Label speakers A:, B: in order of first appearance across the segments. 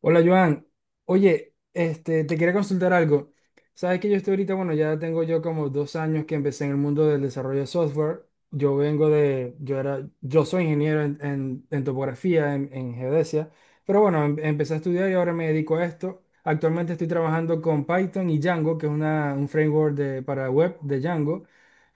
A: Hola Joan, oye, te quería consultar algo. Sabes que yo estoy ahorita, bueno, ya tengo yo como dos años que empecé en el mundo del desarrollo de software. Yo vengo de, yo era, Yo soy ingeniero en topografía, en geodesia, pero bueno, empecé a estudiar y ahora me dedico a esto. Actualmente estoy trabajando con Python y Django, que es un framework de, para web de Django.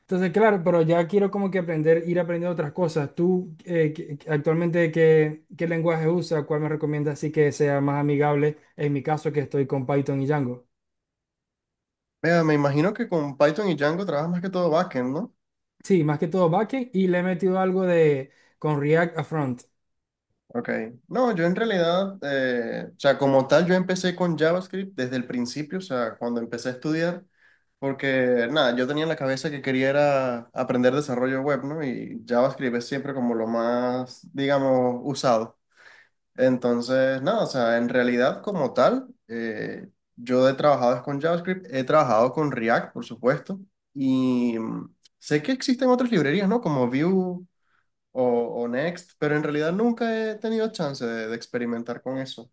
A: Entonces, claro, pero ya quiero como que aprender, ir aprendiendo otras cosas. ¿Tú actualmente qué lenguaje usas? ¿Cuál me recomiendas así que sea más amigable? En mi caso, que estoy con Python y Django.
B: Vea, me imagino que con Python y Django trabajas más que todo backend, ¿no?
A: Sí, más que todo backend y le he metido algo de con React a front.
B: Ok. No, yo en realidad, como tal, yo empecé con JavaScript desde el principio, o sea, cuando empecé a estudiar, porque nada, yo tenía en la cabeza que quería era aprender desarrollo web, ¿no? Y JavaScript es siempre como lo más, digamos, usado. Entonces, nada, o sea, en realidad como tal, yo he trabajado es con JavaScript, he trabajado con React, por supuesto, y sé que existen otras librerías, ¿no? Como Vue. o, o Next, pero en realidad nunca he tenido chance de experimentar con eso.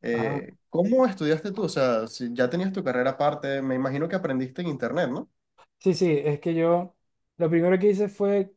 B: ¿Cómo estudiaste tú? O sea, si ya tenías tu carrera aparte, me imagino que aprendiste en internet, ¿no?
A: Sí, sí, es que yo lo primero que hice fue,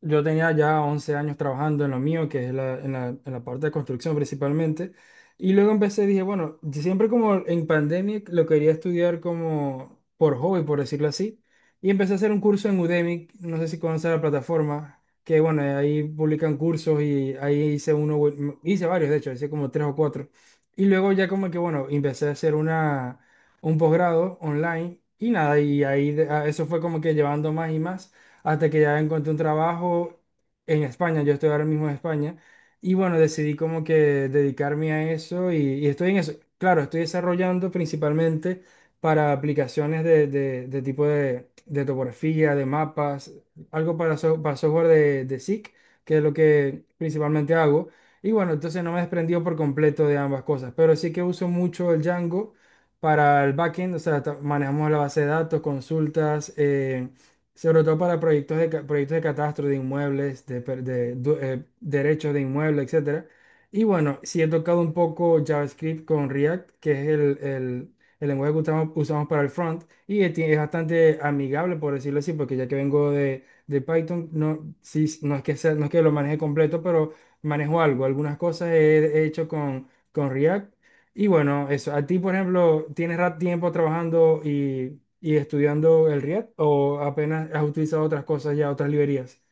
A: yo tenía ya 11 años trabajando en lo mío, que en en la parte de construcción principalmente, y luego empecé, dije, bueno, yo siempre como en pandemia lo quería estudiar como por hobby, por decirlo así, y empecé a hacer un curso en Udemy, no sé si conoces la plataforma, que bueno, ahí publican cursos y ahí hice uno, hice varios, de hecho, hice como tres o cuatro, y luego ya como que, bueno, empecé a hacer una un posgrado online y nada, y ahí eso fue como que llevando más y más hasta que ya encontré un trabajo en España, yo estoy ahora mismo en España y bueno, decidí como que dedicarme a eso y estoy en eso, claro, estoy desarrollando principalmente para aplicaciones de tipo de topografía, de mapas, algo para, para software de SIC, que es lo que principalmente hago. Y bueno, entonces no me he desprendido por completo de ambas cosas, pero sí que uso mucho el Django para el backend, o sea, manejamos la base de datos, consultas, sobre todo para proyectos de, proyectos de catastro de inmuebles, de, derechos de inmuebles, etcétera. Y bueno, sí he tocado un poco JavaScript con React, que es el lenguaje que usamos para el front, y es, es bastante amigable, por decirlo así, porque ya que vengo de Python, no, sí, no es que lo maneje completo, pero manejo algo, algunas cosas he hecho con React. Y bueno, eso, a ti, por ejemplo, ¿tienes tiempo trabajando y estudiando el React o apenas has utilizado otras cosas ya, otras librerías,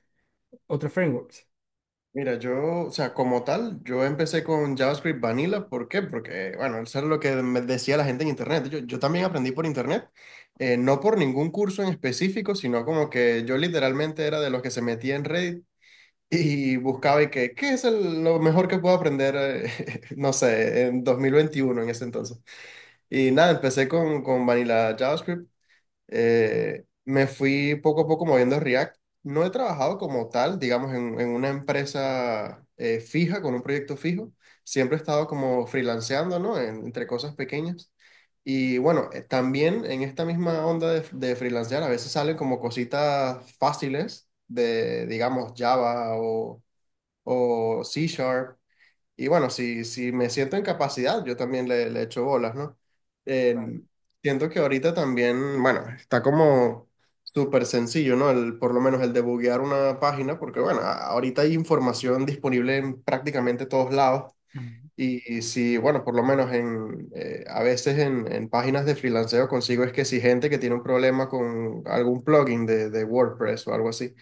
A: otros frameworks?
B: Mira, yo, o sea, como tal, yo empecé con JavaScript Vanilla, ¿por qué? Porque, bueno, eso era lo que me decía la gente en internet. Yo también aprendí por internet, no por ningún curso en específico, sino como que yo literalmente era de los que se metía en Reddit y
A: Mm,
B: buscaba y que, ¿qué es lo mejor que puedo aprender, no sé, en 2021 en ese entonces? Y nada, empecé con Vanilla JavaScript. Me fui poco a poco moviendo a React. No he trabajado como tal, digamos, en una empresa fija, con un proyecto fijo. Siempre he estado como freelanceando, ¿no? Entre cosas pequeñas. Y bueno, también en esta misma onda de freelancear, a veces salen como cositas fáciles de, digamos, Java o C Sharp. Y bueno, si, si me siento en capacidad, yo también le echo bolas, ¿no? Eh, Siento que ahorita también, bueno, está como súper sencillo, ¿no? El, por lo menos el debuguear una página, porque bueno, ahorita hay información disponible en prácticamente todos lados.
A: mm,
B: Y si, bueno, por lo menos en, a veces en páginas de freelanceo consigo es que si gente que tiene un problema con algún plugin de WordPress o algo así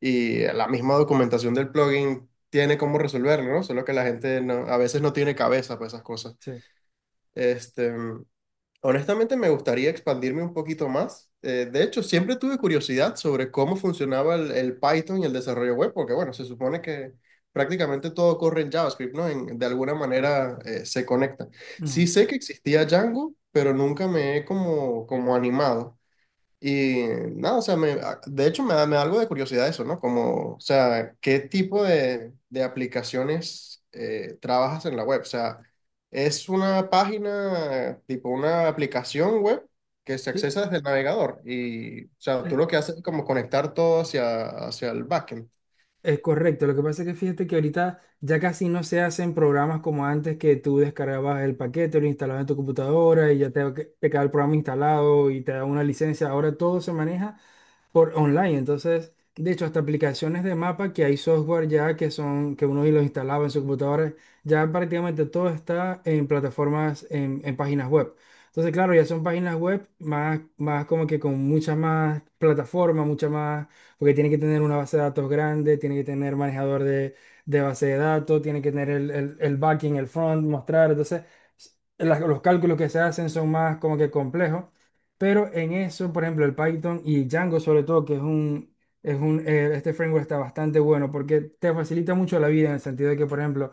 B: y la misma documentación del plugin tiene cómo resolverlo, ¿no? Solo que la gente a veces no tiene cabeza para esas cosas.
A: Sí.
B: Este, honestamente me gustaría expandirme un poquito más. De hecho, siempre tuve curiosidad sobre cómo funcionaba el Python y el desarrollo web, porque bueno, se supone que prácticamente todo corre en JavaScript, ¿no? De alguna manera se conecta. Sí
A: Ujú.
B: sé que existía Django, pero nunca me he como, como animado. Y nada, o sea, me, de hecho me da algo de curiosidad eso, ¿no? Como, o sea, ¿qué tipo de aplicaciones trabajas en la web? O sea, ¿es una página, tipo una aplicación web que se
A: Sí.
B: accesa desde el navegador? Y, o sea, tú lo que haces es como conectar todo hacia, hacia el backend.
A: Es correcto, lo que pasa es que fíjate que ahorita ya casi no se hacen programas como antes que tú descargabas el paquete, lo instalabas en tu computadora y ya te quedaba el programa instalado y te daba una licencia. Ahora todo se maneja por online. Entonces, de hecho, hasta aplicaciones de mapa que hay software ya que son, que uno los instalaba en su computadora, ya prácticamente todo está en plataformas, en páginas web. Entonces, claro, ya son páginas web más, más como que con muchas más plataformas, mucha más, porque tiene que tener una base de datos grande, tiene que tener manejador de base de datos, tiene que tener el backing, el front, mostrar. Entonces, los cálculos que se hacen son más como que complejos. Pero en eso, por ejemplo, el Python y Django sobre todo, que es es un, este framework está bastante bueno porque te facilita mucho la vida en el sentido de que, por ejemplo,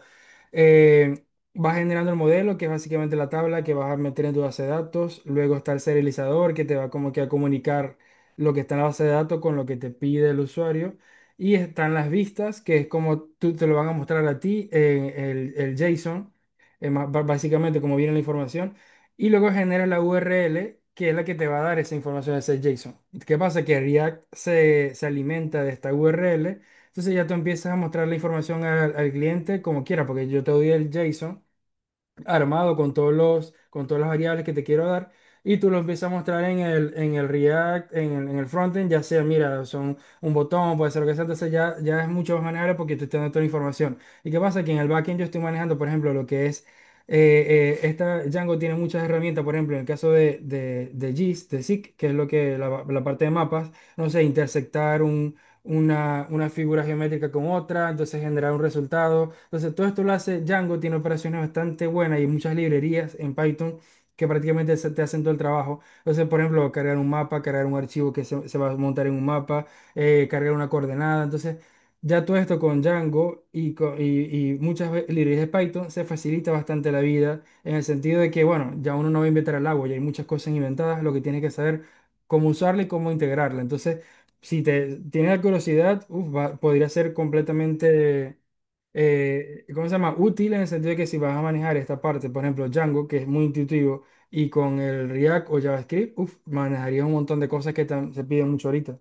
A: eh, vas generando el modelo, que es básicamente la tabla que vas a meter en tu base de datos, luego está el serializador que te va como que a comunicar lo que está en la base de datos con lo que te pide el usuario, y están las vistas, que es como tú te lo van a mostrar a ti en el JSON, básicamente como viene la información y luego genera la URL que es la que te va a dar esa información, ese JSON. ¿Qué pasa? Que React se alimenta de esta URL, entonces ya tú empiezas a mostrar la información al cliente como quiera, porque yo te doy el JSON, armado con todos los, con todas las variables que te quiero dar. Y tú lo empiezas a mostrar en en el React, en en el frontend, ya sea, mira, son un botón, puede ser lo que sea, entonces ya, ya es mucho más manejable porque te estoy dando toda la información. ¿Y qué pasa? Que en el backend yo estoy manejando, por ejemplo, lo que es, esta Django tiene muchas herramientas, por ejemplo, en el caso de GIS, de SIG, que es lo que, la parte de mapas, no sé, intersectar una figura geométrica con otra, entonces generar un resultado. Entonces todo esto lo hace Django, tiene operaciones bastante buenas y muchas librerías en Python que prácticamente te hacen todo el trabajo. Entonces, por ejemplo, cargar un mapa, cargar un archivo que se va a montar en un mapa, cargar una coordenada. Entonces, ya todo esto con Django y muchas librerías de Python se facilita bastante la vida en el sentido de que, bueno, ya uno no va a inventar el agua, ya hay muchas cosas inventadas, lo que tiene que saber cómo usarla y cómo integrarla. Entonces, si te tienes la curiosidad, uf, podría ser completamente, ¿cómo se llama? Útil en el sentido de que si vas a manejar esta parte, por ejemplo, Django, que es muy intuitivo, y con el React o JavaScript, uf, manejarías un montón de cosas que se piden mucho ahorita.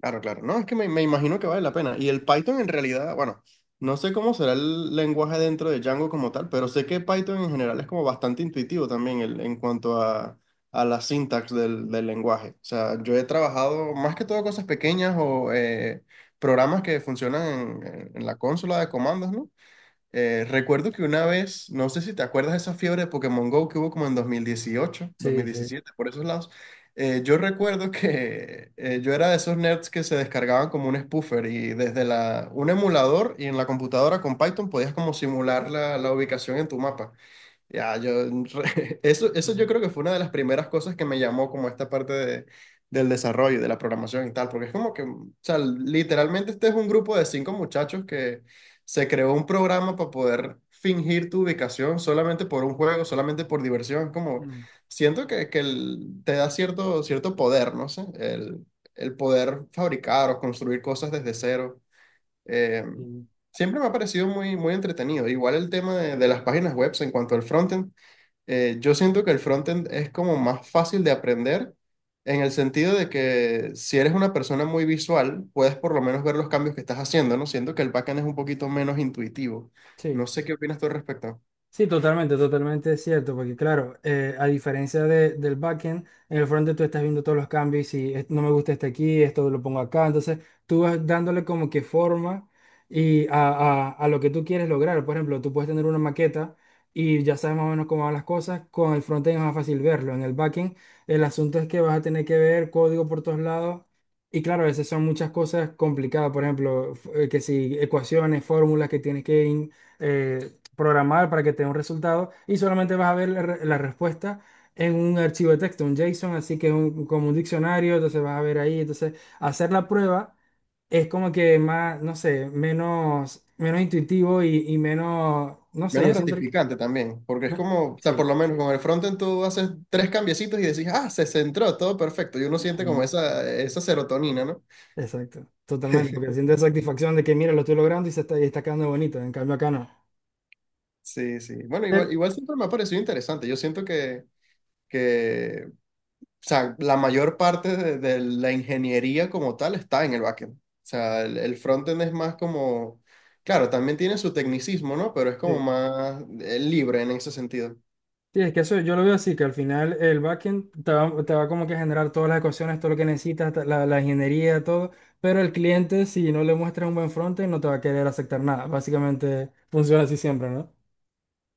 B: Claro, claro. No, es que me imagino que vale la pena. Y el Python en realidad, bueno, no sé cómo será el lenguaje dentro de Django como tal, pero sé que Python en general es como bastante intuitivo también en cuanto a la sintax del lenguaje. O sea, yo he trabajado más que todo cosas pequeñas o programas que funcionan en la consola de comandos, ¿no? Recuerdo que una vez, no sé si te acuerdas de esa fiebre de Pokémon Go que hubo como en 2018,
A: Sí, sí.
B: 2017, por esos lados. Yo recuerdo que yo era de esos nerds que se descargaban como un spoofer y desde la, un emulador y en la computadora con Python podías como simular la, la ubicación en tu mapa. Ya, yo, eso yo
A: Ujú.
B: creo que fue una de las primeras cosas que me llamó como esta parte de, del desarrollo, de la programación y tal, porque es como que, o sea, literalmente este es un grupo de cinco muchachos que se creó un programa para poder fingir tu ubicación solamente por un juego, solamente por diversión, como
A: Mm.
B: siento que te da cierto, cierto poder, no sé, el poder fabricar o construir cosas desde cero. Eh,
A: Sí.
B: Siempre me ha parecido muy, muy entretenido. Igual el tema de las páginas web en cuanto al frontend. Yo siento que el frontend es como más fácil de aprender en el sentido de que si eres una persona muy visual, puedes por lo menos ver los cambios que estás haciendo, ¿no? Siento que el backend es un poquito menos intuitivo.
A: Sí.
B: No sé qué opinas tú al respecto.
A: Sí, totalmente, totalmente es cierto, porque claro, a diferencia del backend, en el frontend tú estás viendo todos los cambios y no me gusta este aquí, esto lo pongo acá, entonces tú vas dándole como que forma y a, a lo que tú quieres lograr. Por ejemplo, tú puedes tener una maqueta y ya sabes más o menos cómo van las cosas, con el frontend es más fácil verlo, en el backend el asunto es que vas a tener que ver código por todos lados. Y claro, a veces son muchas cosas complicadas, por ejemplo, que si ecuaciones, fórmulas que tienes que eh, programar para que te dé un resultado y solamente vas a ver la respuesta en un archivo de texto, un JSON, así que como un diccionario, entonces vas a ver ahí, entonces hacer la prueba es como que más, no sé, menos, menos intuitivo y menos, no sé,
B: Menos
A: yo siento que...
B: gratificante también, porque es
A: me-
B: como, o sea, por
A: Sí.
B: lo menos con el frontend tú haces tres cambiecitos y decís, ah, se centró, todo perfecto. Y uno siente como
A: Ujú.
B: esa serotonina, ¿no?
A: Exacto, totalmente, porque sientes satisfacción de que mira, lo estoy logrando y se está, y está quedando bonito, en cambio acá no.
B: Sí, sí. Bueno,
A: Pero,
B: igual, igual siempre me ha parecido interesante. Yo siento que, que o sea, la mayor parte de la ingeniería como tal está en el backend. O sea, el frontend es más como, claro, también tiene su tecnicismo, ¿no? Pero es como
A: sí.
B: más libre en ese sentido.
A: Sí, es que eso yo lo veo así, que al final el backend te va como que a generar todas las ecuaciones, todo lo que necesitas, la ingeniería, todo, pero el cliente si no le muestras un buen frontend no te va a querer aceptar nada. Básicamente funciona así siempre, ¿no?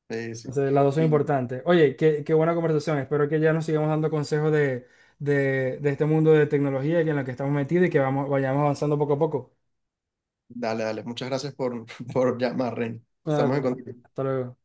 B: Sí, sí.
A: Entonces las dos son
B: Y
A: importantes. Oye, qué buena conversación. Espero que ya nos sigamos dando consejos de este mundo de tecnología en la que estamos metidos y que vayamos avanzando poco a poco.
B: Dale, dale. Muchas gracias por, por llamar, Ren.
A: Ah,
B: Estamos en contacto.
A: hasta luego.